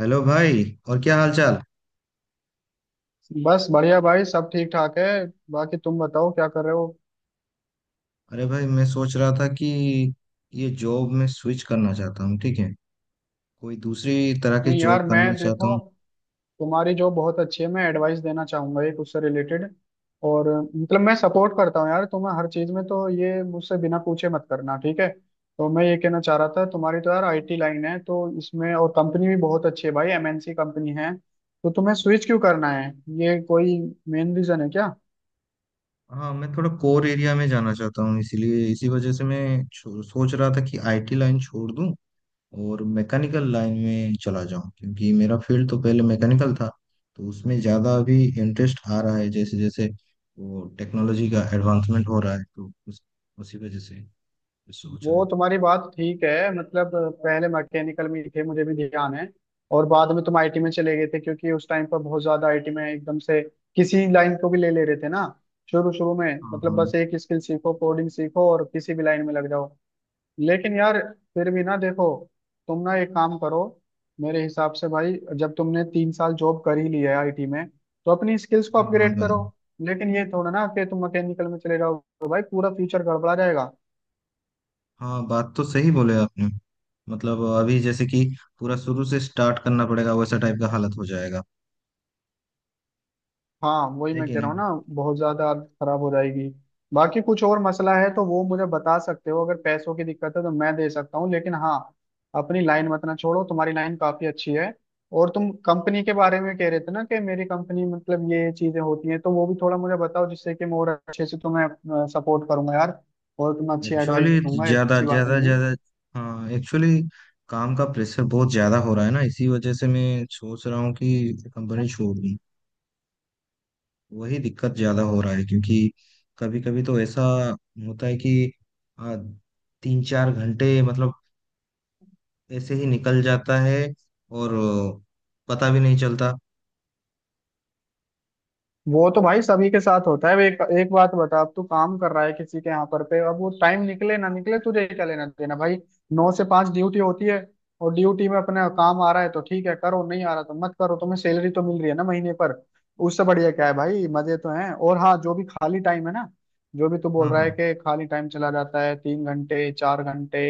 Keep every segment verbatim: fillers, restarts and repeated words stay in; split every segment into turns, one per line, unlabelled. Hello भाई। और क्या हाल चाल।
बस बढ़िया भाई, सब ठीक ठाक है। बाकी तुम बताओ क्या कर रहे हो।
अरे भाई मैं सोच रहा था कि ये जॉब में स्विच करना चाहता हूँ ठीक है। कोई दूसरी तरह की
नहीं
जॉब
यार, मैं
करना चाहता
देखो
हूँ।
तुम्हारी जो बहुत अच्छी है, मैं एडवाइस देना चाहूंगा एक उससे रिलेटेड। और मतलब मैं सपोर्ट करता हूँ यार तुम्हें हर चीज में, तो ये मुझसे बिना पूछे मत करना, ठीक है। तो मैं ये कहना चाह रहा था, तुम्हारी तो यार आई टी लाइन है, तो इसमें और कंपनी भी बहुत अच्छी है भाई, एम एन सी कंपनी है, तो तुम्हें स्विच क्यों करना है। ये कोई मेन रीजन है क्या?
हाँ मैं थोड़ा कोर एरिया में जाना चाहता हूँ इसीलिए इसी वजह से मैं छो- सोच रहा था कि आईटी लाइन छोड़ दूँ और मैकेनिकल लाइन में चला जाऊँ क्योंकि मेरा फील्ड तो पहले मैकेनिकल था। तो उसमें ज़्यादा अभी इंटरेस्ट आ रहा है जैसे जैसे वो टेक्नोलॉजी का एडवांसमेंट हो रहा है तो उस, उसी वजह से सोच रहा
वो
था।
तुम्हारी बात ठीक है, मतलब पहले मैकेनिकल में थे, मुझे भी ध्यान है। और बाद में तुम आई टी में चले गए थे, क्योंकि उस टाइम पर बहुत ज्यादा आई टी में एकदम से किसी लाइन को भी ले ले रहे थे ना। शुरू शुरू में
हाँ,
मतलब
हाँ।
बस एक स्किल सीखो, कोडिंग सीखो और किसी भी लाइन में लग जाओ। लेकिन यार फिर भी ना, देखो तुम ना एक काम करो, मेरे हिसाब से भाई, जब तुमने तीन साल जॉब कर ही ली है आई टी में, तो अपनी स्किल्स को
हाँ, हाँ
अपग्रेड
भाई।
करो। लेकिन ये थोड़ा ना कि तुम मैकेनिकल में चले जाओ, तो भाई पूरा फ्यूचर गड़बड़ा जाएगा।
हाँ बात तो सही बोले आपने। मतलब अभी जैसे कि पूरा शुरू से स्टार्ट करना पड़ेगा वैसा टाइप का हालत हो जाएगा।
हाँ वही
है
मैं
कि
कह रहा हूँ
नहीं।
ना, बहुत ज्यादा हालत खराब हो जाएगी। बाकी कुछ और मसला है तो वो मुझे बता सकते हो, अगर पैसों की दिक्कत है तो मैं दे सकता हूँ, लेकिन हाँ अपनी लाइन मत ना छोड़ो, तुम्हारी लाइन काफी अच्छी है। और तुम कंपनी के बारे में कह रहे थे ना कि मेरी कंपनी मतलब ये ये चीजें होती हैं, तो वो भी थोड़ा मुझे बताओ जिससे कि मैं और अच्छे से तुम्हें सपोर्ट करूंगा यार और तुम्हें अच्छी एडवाइस
एक्चुअली
दूंगा,
ज्यादा
ऐसी बात
ज्यादा
नहीं है।
ज्यादा हाँ, एक्चुअली काम का प्रेशर बहुत ज्यादा हो रहा है ना इसी वजह से मैं सोच रहा हूँ कि कंपनी छोड़ दूँ। वही दिक्कत ज्यादा हो रहा है क्योंकि कभी कभी तो ऐसा होता है कि आ, तीन चार घंटे मतलब ऐसे ही निकल जाता है और अ, पता भी नहीं चलता।
वो तो भाई सभी के साथ होता है। अब एक एक बात बता, अब तू काम कर रहा है किसी के यहाँ पर पे, अब वो टाइम निकले ना निकले तुझे क्या लेना देना भाई। नौ से पांच ड्यूटी होती है, और ड्यूटी में अपना काम आ रहा है तो ठीक है करो, नहीं आ रहा तो मत करो, तुम्हें सैलरी तो मिल रही है ना महीने पर। उससे बढ़िया क्या है भाई, मजे तो हैं। और हाँ, जो भी खाली टाइम है ना, जो भी तू बोल
हाँ,
रहा
हाँ,
है कि खाली टाइम चला जाता है तीन घंटे चार घंटे,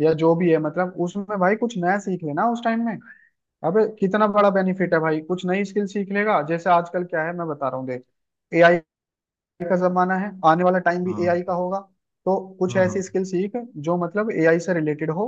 या जो भी है मतलब, उसमें भाई कुछ नया सीख लेना उस टाइम में। अबे कितना बड़ा बेनिफिट है भाई, कुछ नई स्किल सीख लेगा। जैसे आजकल क्या है मैं बता रहा हूँ देख, ए आई का जमाना है, आने वाला टाइम भी
हाँ,
ए आई का होगा। तो कुछ
हाँ, हाँ।
ऐसी स्किल सीख जो मतलब ए आई से रिलेटेड हो,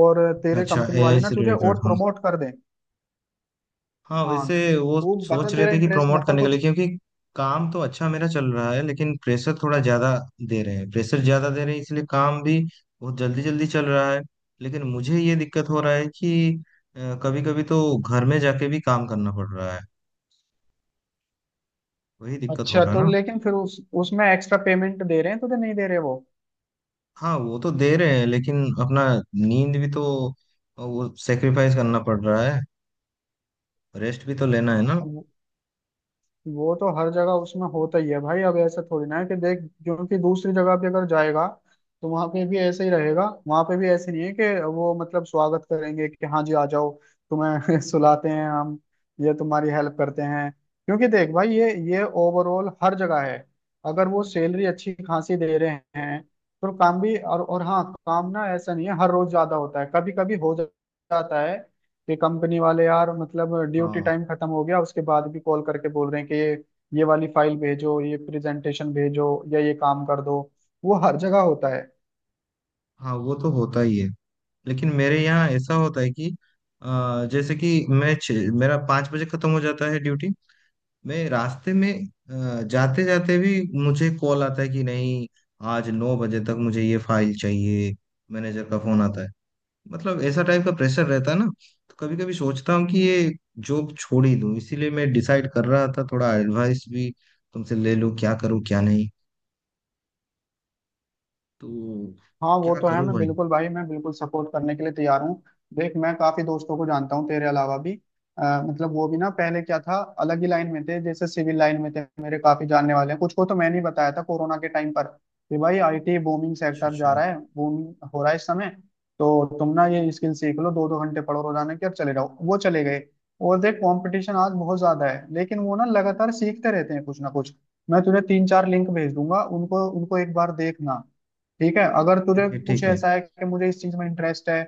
और तेरे
अच्छा
कंपनी वाले
ए आई
ना
से
तुझे
रिलेटेड,
और
हाँ।
प्रमोट कर दें।
हाँ
हाँ,
वैसे वो
तू बता
सोच रहे
तेरा
थे कि
इंटरेस्ट
प्रमोट
बता
करने के लिए
कुछ।
क्योंकि काम तो अच्छा मेरा चल रहा है लेकिन प्रेशर थोड़ा ज्यादा दे रहे हैं। प्रेशर ज्यादा दे रहे हैं इसलिए काम भी बहुत जल्दी जल्दी चल रहा है। लेकिन मुझे ये दिक्कत हो रहा है कि कभी कभी तो घर में जाके भी काम करना पड़ रहा है। वही दिक्कत हो
अच्छा,
रहा है
तो
ना।
लेकिन फिर उस उसमें एक्स्ट्रा पेमेंट दे रहे हैं तुझे, नहीं दे रहे वो?
हाँ वो तो दे रहे हैं लेकिन अपना नींद भी तो वो सेक्रीफाइस करना पड़ रहा है। रेस्ट भी तो लेना है ना।
वो तो हर जगह उसमें होता ही है भाई। अब ऐसा थोड़ी ना है कि देख जो कि दूसरी जगह पे अगर जाएगा तो वहां पे भी ऐसे ही रहेगा, वहां पे भी ऐसे नहीं है कि वो मतलब स्वागत करेंगे कि हाँ जी आ जाओ, तुम्हें सुलाते हैं हम, ये तुम्हारी हेल्प करते हैं। क्योंकि देख भाई ये ये ओवरऑल हर जगह है। अगर वो सैलरी अच्छी खासी दे रहे हैं तो काम भी और और हाँ, काम ना ऐसा नहीं है हर रोज ज्यादा होता है, कभी कभी हो जाता है कि कंपनी वाले यार मतलब ड्यूटी
हाँ,
टाइम खत्म हो गया उसके बाद भी कॉल करके बोल रहे हैं कि ये ये वाली फाइल भेजो, ये प्रेजेंटेशन भेजो या ये काम कर दो। वो हर जगह होता है।
हाँ वो तो होता ही है लेकिन मेरे यहाँ ऐसा होता है कि अ, जैसे कि मैं छ- मेरा पाँच बजे खत्म हो जाता है ड्यूटी। मैं रास्ते में जाते जाते भी मुझे कॉल आता है कि नहीं आज नौ बजे तक मुझे ये फाइल चाहिए। मैनेजर का फोन आता है। मतलब ऐसा टाइप का प्रेशर रहता है ना। तो कभी कभी सोचता हूँ कि ये जॉब छोड़ ही दूँ इसीलिए मैं डिसाइड कर रहा था थोड़ा एडवाइस भी तुमसे ले लूँ क्या करूँ क्या नहीं तो।
हाँ वो
क्या
तो है,
करूँ
मैं
भाई।
बिल्कुल भाई मैं बिल्कुल सपोर्ट करने के लिए तैयार हूँ। देख मैं काफी दोस्तों को जानता हूँ तेरे अलावा भी, अ, मतलब वो भी ना पहले क्या था, अलग ही लाइन में थे, जैसे सिविल लाइन में थे, मेरे काफी जानने वाले हैं, कुछ को तो मैंने ही बताया था कोरोना के टाइम पर कि भाई आई टी बूमिंग
अच्छा,
सेक्टर
अच्छा।
जा रहा है, बूम हो रहा है इस समय। तो तुम ना ये स्किल सीख लो दो दो घंटे पढ़ो रोजाना के और चले जाओ, वो चले गए। और देख कंपटीशन आज बहुत ज्यादा है, लेकिन वो ना लगातार सीखते रहते हैं कुछ ना कुछ। मैं तुझे तीन चार लिंक भेज दूंगा, उनको उनको एक बार देखना, ठीक है। अगर तुझे
ठीक है,
कुछ
ठीक है।
ऐसा है कि मुझे इस चीज में इंटरेस्ट है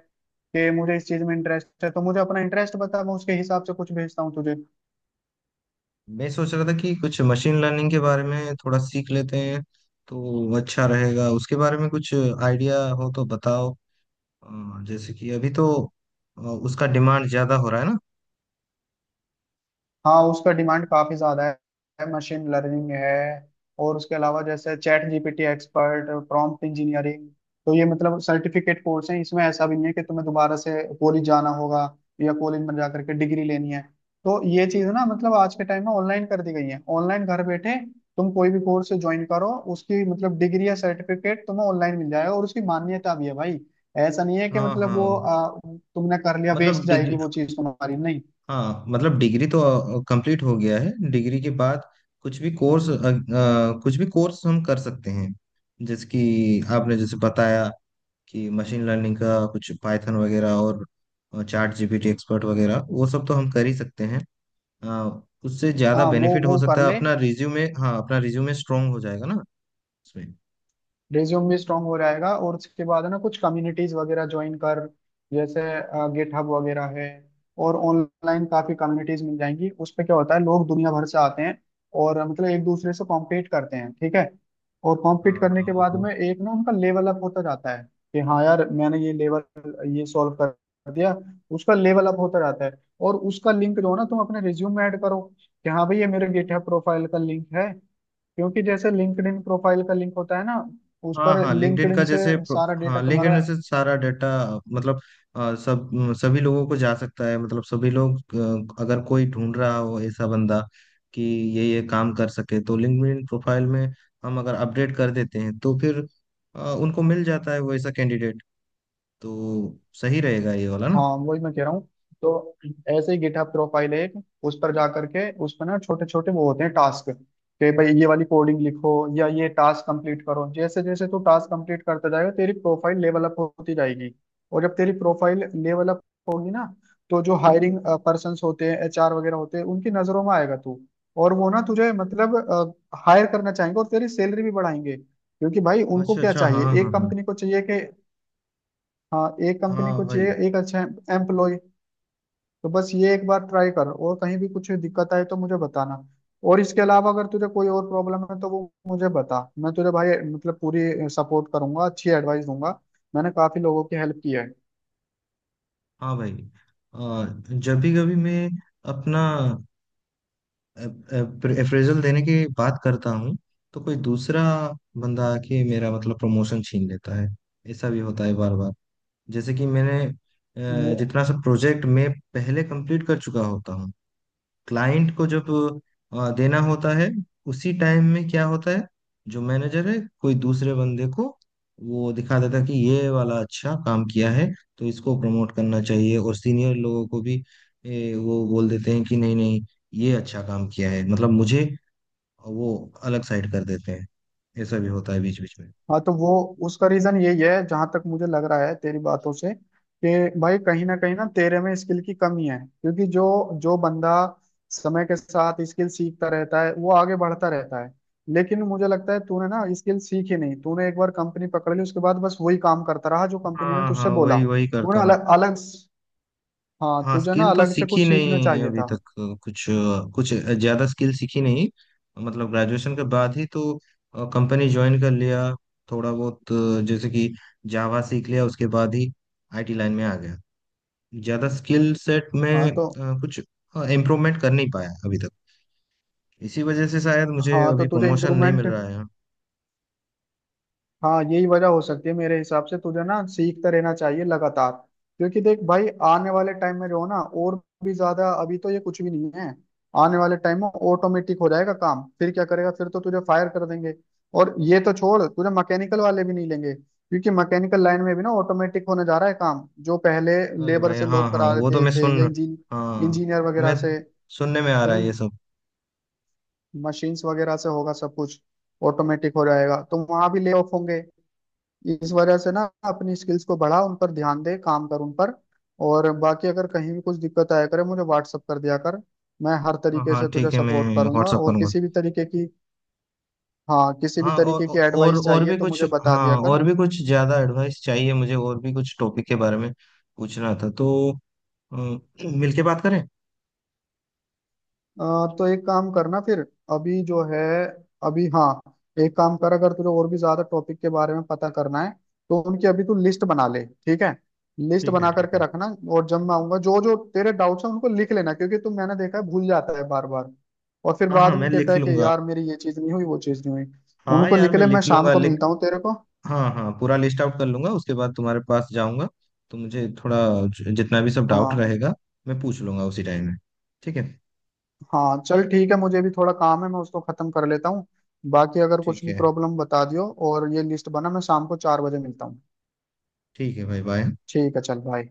कि मुझे इस चीज में इंटरेस्ट है, तो मुझे अपना इंटरेस्ट बता, मैं उसके हिसाब से कुछ भेजता हूँ तुझे।
मैं सोच रहा था कि कुछ मशीन लर्निंग के बारे में थोड़ा सीख लेते हैं तो अच्छा रहेगा उसके बारे में कुछ आइडिया हो तो बताओ। अ, जैसे कि अभी तो अ, उसका डिमांड ज्यादा हो रहा है ना।
हाँ, उसका डिमांड काफी ज्यादा है, मशीन लर्निंग है, और उसके अलावा जैसे chat G P tea expert, prompt engineering. तो ये मतलब सर्टिफिकेट कोर्स हैं, इसमें ऐसा भी नहीं है कि तुम्हें दोबारा से कॉलेज जाना होगा या कॉलेज में जा करके डिग्री लेनी है। तो ये चीज ना मतलब आज के टाइम में ऑनलाइन कर दी गई है, ऑनलाइन घर बैठे तुम कोई भी कोर्स ज्वाइन करो, उसकी मतलब डिग्री या सर्टिफिकेट तुम्हें ऑनलाइन मिल जाएगा, और उसकी मान्यता भी है भाई। ऐसा नहीं है कि
हाँ,
मतलब वो
हाँ
आ, तुमने कर लिया वेस्ट
मतलब
जाएगी,
डिग्री,
वो चीज तुम्हारी नहीं।
हाँ मतलब डिग्री तो कंप्लीट हो गया है। डिग्री के बाद कुछ भी कोर्स कुछ भी कोर्स हम कर सकते हैं। जैसे कि आपने जैसे बताया कि मशीन लर्निंग का कुछ पाइथन वगैरह और chat G P tea expert वगैरह वो सब तो हम कर ही सकते हैं। हाँ, उससे ज्यादा
हाँ वो
बेनिफिट हो
वो कर
सकता है।
ले,
अपना रिज्यूमे, हाँ, अपना रिज्यूमे स्ट्रांग हो जाएगा ना उसमें।
रिज्यूम भी स्ट्रांग हो जाएगा। और उसके बाद है ना कुछ कम्युनिटीज वगैरह ज्वाइन कर, जैसे गिटहब वगैरह है, और ऑनलाइन काफी कम्युनिटीज मिल जाएंगी। उस पे क्या होता है लोग दुनिया भर से आते हैं और अ, मतलब एक दूसरे से कॉम्पीट करते हैं, ठीक है। और कॉम्पीट
हाँ,
करने
हाँ
के
वो
बाद
तो।
में एक ना उनका लेवल अप होता जाता है, कि हाँ यार मैंने ये लेवल ये सॉल्व कर दिया, उसका लेवल अप होता जाता है। और उसका लिंक जो है ना तुम अपने रिज्यूम में ऐड करो कि हाँ भाई ये मेरे गिटहब प्रोफाइल का लिंक है, क्योंकि जैसे लिंक्डइन प्रोफाइल का लिंक होता है ना, उस
हाँ,
पर
हाँ लिंक्डइन का
लिंक्डइन से
जैसे प्रो-
सारा डेटा
हाँ
तुम्हारा।
लिंक्डइन से सारा डाटा। मतलब आ, सब म, सभी लोगों को जा सकता है मतलब सभी लोग। आ, अगर कोई ढूंढ रहा हो ऐसा बंदा कि ये ये काम कर सके तो लिंक्डइन प्रोफाइल में हम अगर अपडेट कर देते हैं तो फिर आ, उनको मिल जाता है वैसा कैंडिडेट। तो सही रहेगा ये वाला ना।
हाँ वही मैं कह रहा हूँ। तो ऐसे ही गिटहब प्रोफाइल है एक, उस पर जा करके उस पर ना छोटे छोटे वो होते हैं टास्क, कि भाई ये वाली कोडिंग लिखो या ये टास्क कंप्लीट करो। जैसे जैसे तू टास्क कंप्लीट करता जाएगा तेरी प्रोफाइल लेवल अप होती जाएगी, और जब तेरी प्रोफाइल लेवल अप होगी ना, तो जो हायरिंग पर्सन होते हैं, एच आर वगैरह होते हैं, उनकी नजरों में आएगा तू, और वो ना तुझे मतलब हायर करना चाहेंगे और तेरी सैलरी भी बढ़ाएंगे, क्योंकि भाई उनको
अच्छा,
क्या
अच्छा। हाँ,
चाहिए,
हाँ,
एक
हाँ।
कंपनी को चाहिए कि हाँ एक कंपनी
हाँ
को
भाई।
चाहिए एक अच्छा एम्प्लॉय। तो बस ये एक बार ट्राई कर, और कहीं भी कुछ दिक्कत आए तो मुझे बताना। और इसके अलावा अगर तुझे कोई और प्रॉब्लम है तो वो मुझे बता, मैं तुझे भाई मतलब पूरी सपोर्ट करूंगा, अच्छी एडवाइस दूंगा। मैंने काफी लोगों की हेल्प की
हाँ भाई। आ, जब भी कभी मैं अपना अप्रेजल देने की बात करता हूँ तो कोई दूसरा बंदा आके मेरा मतलब प्रमोशन छीन लेता है। ऐसा भी होता है बार बार। जैसे कि मैंने अ,
है।
जितना सा प्रोजेक्ट मैं पहले कंप्लीट कर चुका होता हूँ क्लाइंट को जब अ, देना होता है उसी टाइम में क्या होता है जो मैनेजर है कोई दूसरे बंदे को वो दिखा देता है कि ये वाला अच्छा काम किया है तो इसको प्रमोट करना चाहिए। और सीनियर लोगों को भी ए, वो बोल देते हैं कि नहीं, नहीं ये अच्छा काम किया है मतलब मुझे वो अलग साइड कर देते हैं। ऐसा भी होता है बीच बीच में।
हाँ तो वो उसका रीजन यही है जहां तक मुझे लग रहा है तेरी बातों से, कि भाई कहीं ना कहीं ना तेरे में स्किल की कमी है, क्योंकि जो जो बंदा समय के साथ स्किल सीखता रहता है वो आगे बढ़ता रहता है। लेकिन मुझे लगता है तूने ना स्किल सीखी नहीं, तूने एक बार कंपनी पकड़ ली, उसके बाद बस वही काम करता रहा जो कंपनी ने
हाँ, हाँ
तुझसे बोला,
वही वही करता।
तूने अलग अलग, हाँ
हाँ
तुझे ना
स्किल तो
अलग से
सीखी
कुछ सीखना
नहीं
चाहिए
अभी
था।
तक कुछ कुछ ज्यादा स्किल सीखी नहीं। मतलब ग्रेजुएशन के बाद ही तो कंपनी ज्वाइन कर लिया थोड़ा बहुत अ, जैसे कि जावा सीख लिया उसके बाद ही आई टी लाइन में आ गया। ज्यादा स्किल सेट में
हाँ तो
अ, कुछ इम्प्रूवमेंट कर नहीं पाया अभी तक इसी वजह से शायद मुझे
हाँ तो
अभी
तुझे
प्रमोशन नहीं मिल
इम्प्रूवमेंट,
रहा है।
हाँ यही वजह हो सकती है मेरे हिसाब से, तुझे ना सीखते रहना चाहिए लगातार, क्योंकि देख भाई आने वाले टाइम में जो ना और भी ज्यादा, अभी तो ये कुछ भी नहीं है, आने वाले टाइम में ऑटोमेटिक हो जाएगा काम, फिर क्या करेगा, फिर तो तुझे फायर कर देंगे। और ये तो छोड़, तुझे मैकेनिकल वाले भी नहीं लेंगे, क्योंकि मैकेनिकल लाइन में भी ना ऑटोमेटिक होने जा रहा है काम, जो पहले
अरे
लेबर
भाई,
से
हाँ,
लोग
हाँ
करा
वो तो
देते
मैं
थे या
सुन
इंजीन
हाँ
इंजीनियर
मैं
वगैरह से, तो
सुनने में आ रहा
वो
है ये सब।
मशीन्स वगैरह से होगा सब कुछ, ऑटोमेटिक हो जाएगा, तो वहां भी ले ऑफ होंगे। इस वजह से ना अपनी स्किल्स को बढ़ा, उन पर ध्यान दे, काम कर उन पर। और बाकी अगर कहीं भी कुछ दिक्कत आया करे मुझे व्हाट्सअप कर दिया कर, मैं हर
हाँ,
तरीके से
हाँ
तुझे
ठीक है मैं
सपोर्ट करूंगा
व्हाट्सअप
और
करूंगा।
किसी भी तरीके की, हाँ किसी भी
हाँ और
तरीके की
और
एडवाइस
और
चाहिए
भी
तो
कुछ,
मुझे बता
हाँ
दिया कर।
और भी कुछ ज्यादा एडवाइस चाहिए मुझे और भी कुछ टॉपिक के बारे में पूछना था तो अ, मिलके बात करें।
आ, तो एक काम करना फिर, अभी जो है अभी, हाँ एक काम कर, अगर तुझे और भी ज्यादा टॉपिक के बारे में पता करना है तो उनकी अभी तू लिस्ट बना ले, ठीक है। लिस्ट
ठीक है,
बना
ठीक
करके
है।
रखना, और जब मैं आऊंगा जो जो तेरे डाउट्स हैं उनको लिख लेना, क्योंकि तू मैंने देखा है भूल जाता है बार बार, और फिर
हाँ, हाँ
बाद
मैं
में कहता
लिख
है कि
लूंगा।
यार मेरी ये चीज नहीं हुई वो चीज नहीं हुई।
हाँ
उनको
यार
लिख
मैं
ले, मैं
लिख
शाम
लूंगा,
को
लिख।
मिलता हूँ तेरे को।
हाँ, हाँ पूरा लिस्ट आउट कर लूंगा उसके बाद तुम्हारे पास जाऊंगा तो मुझे थोड़ा ज- जितना भी सब डाउट
हाँ
रहेगा मैं पूछ लूंगा उसी टाइम में। ठीक है।
हाँ, चल ठीक है, मुझे भी थोड़ा काम है मैं उसको खत्म कर लेता हूँ। बाकी अगर कुछ
ठीक
भी
है।
प्रॉब्लम बता दियो, और ये लिस्ट बना, मैं शाम को चार बजे मिलता हूँ।
ठीक है भाई बाय।
ठीक है चल भाई।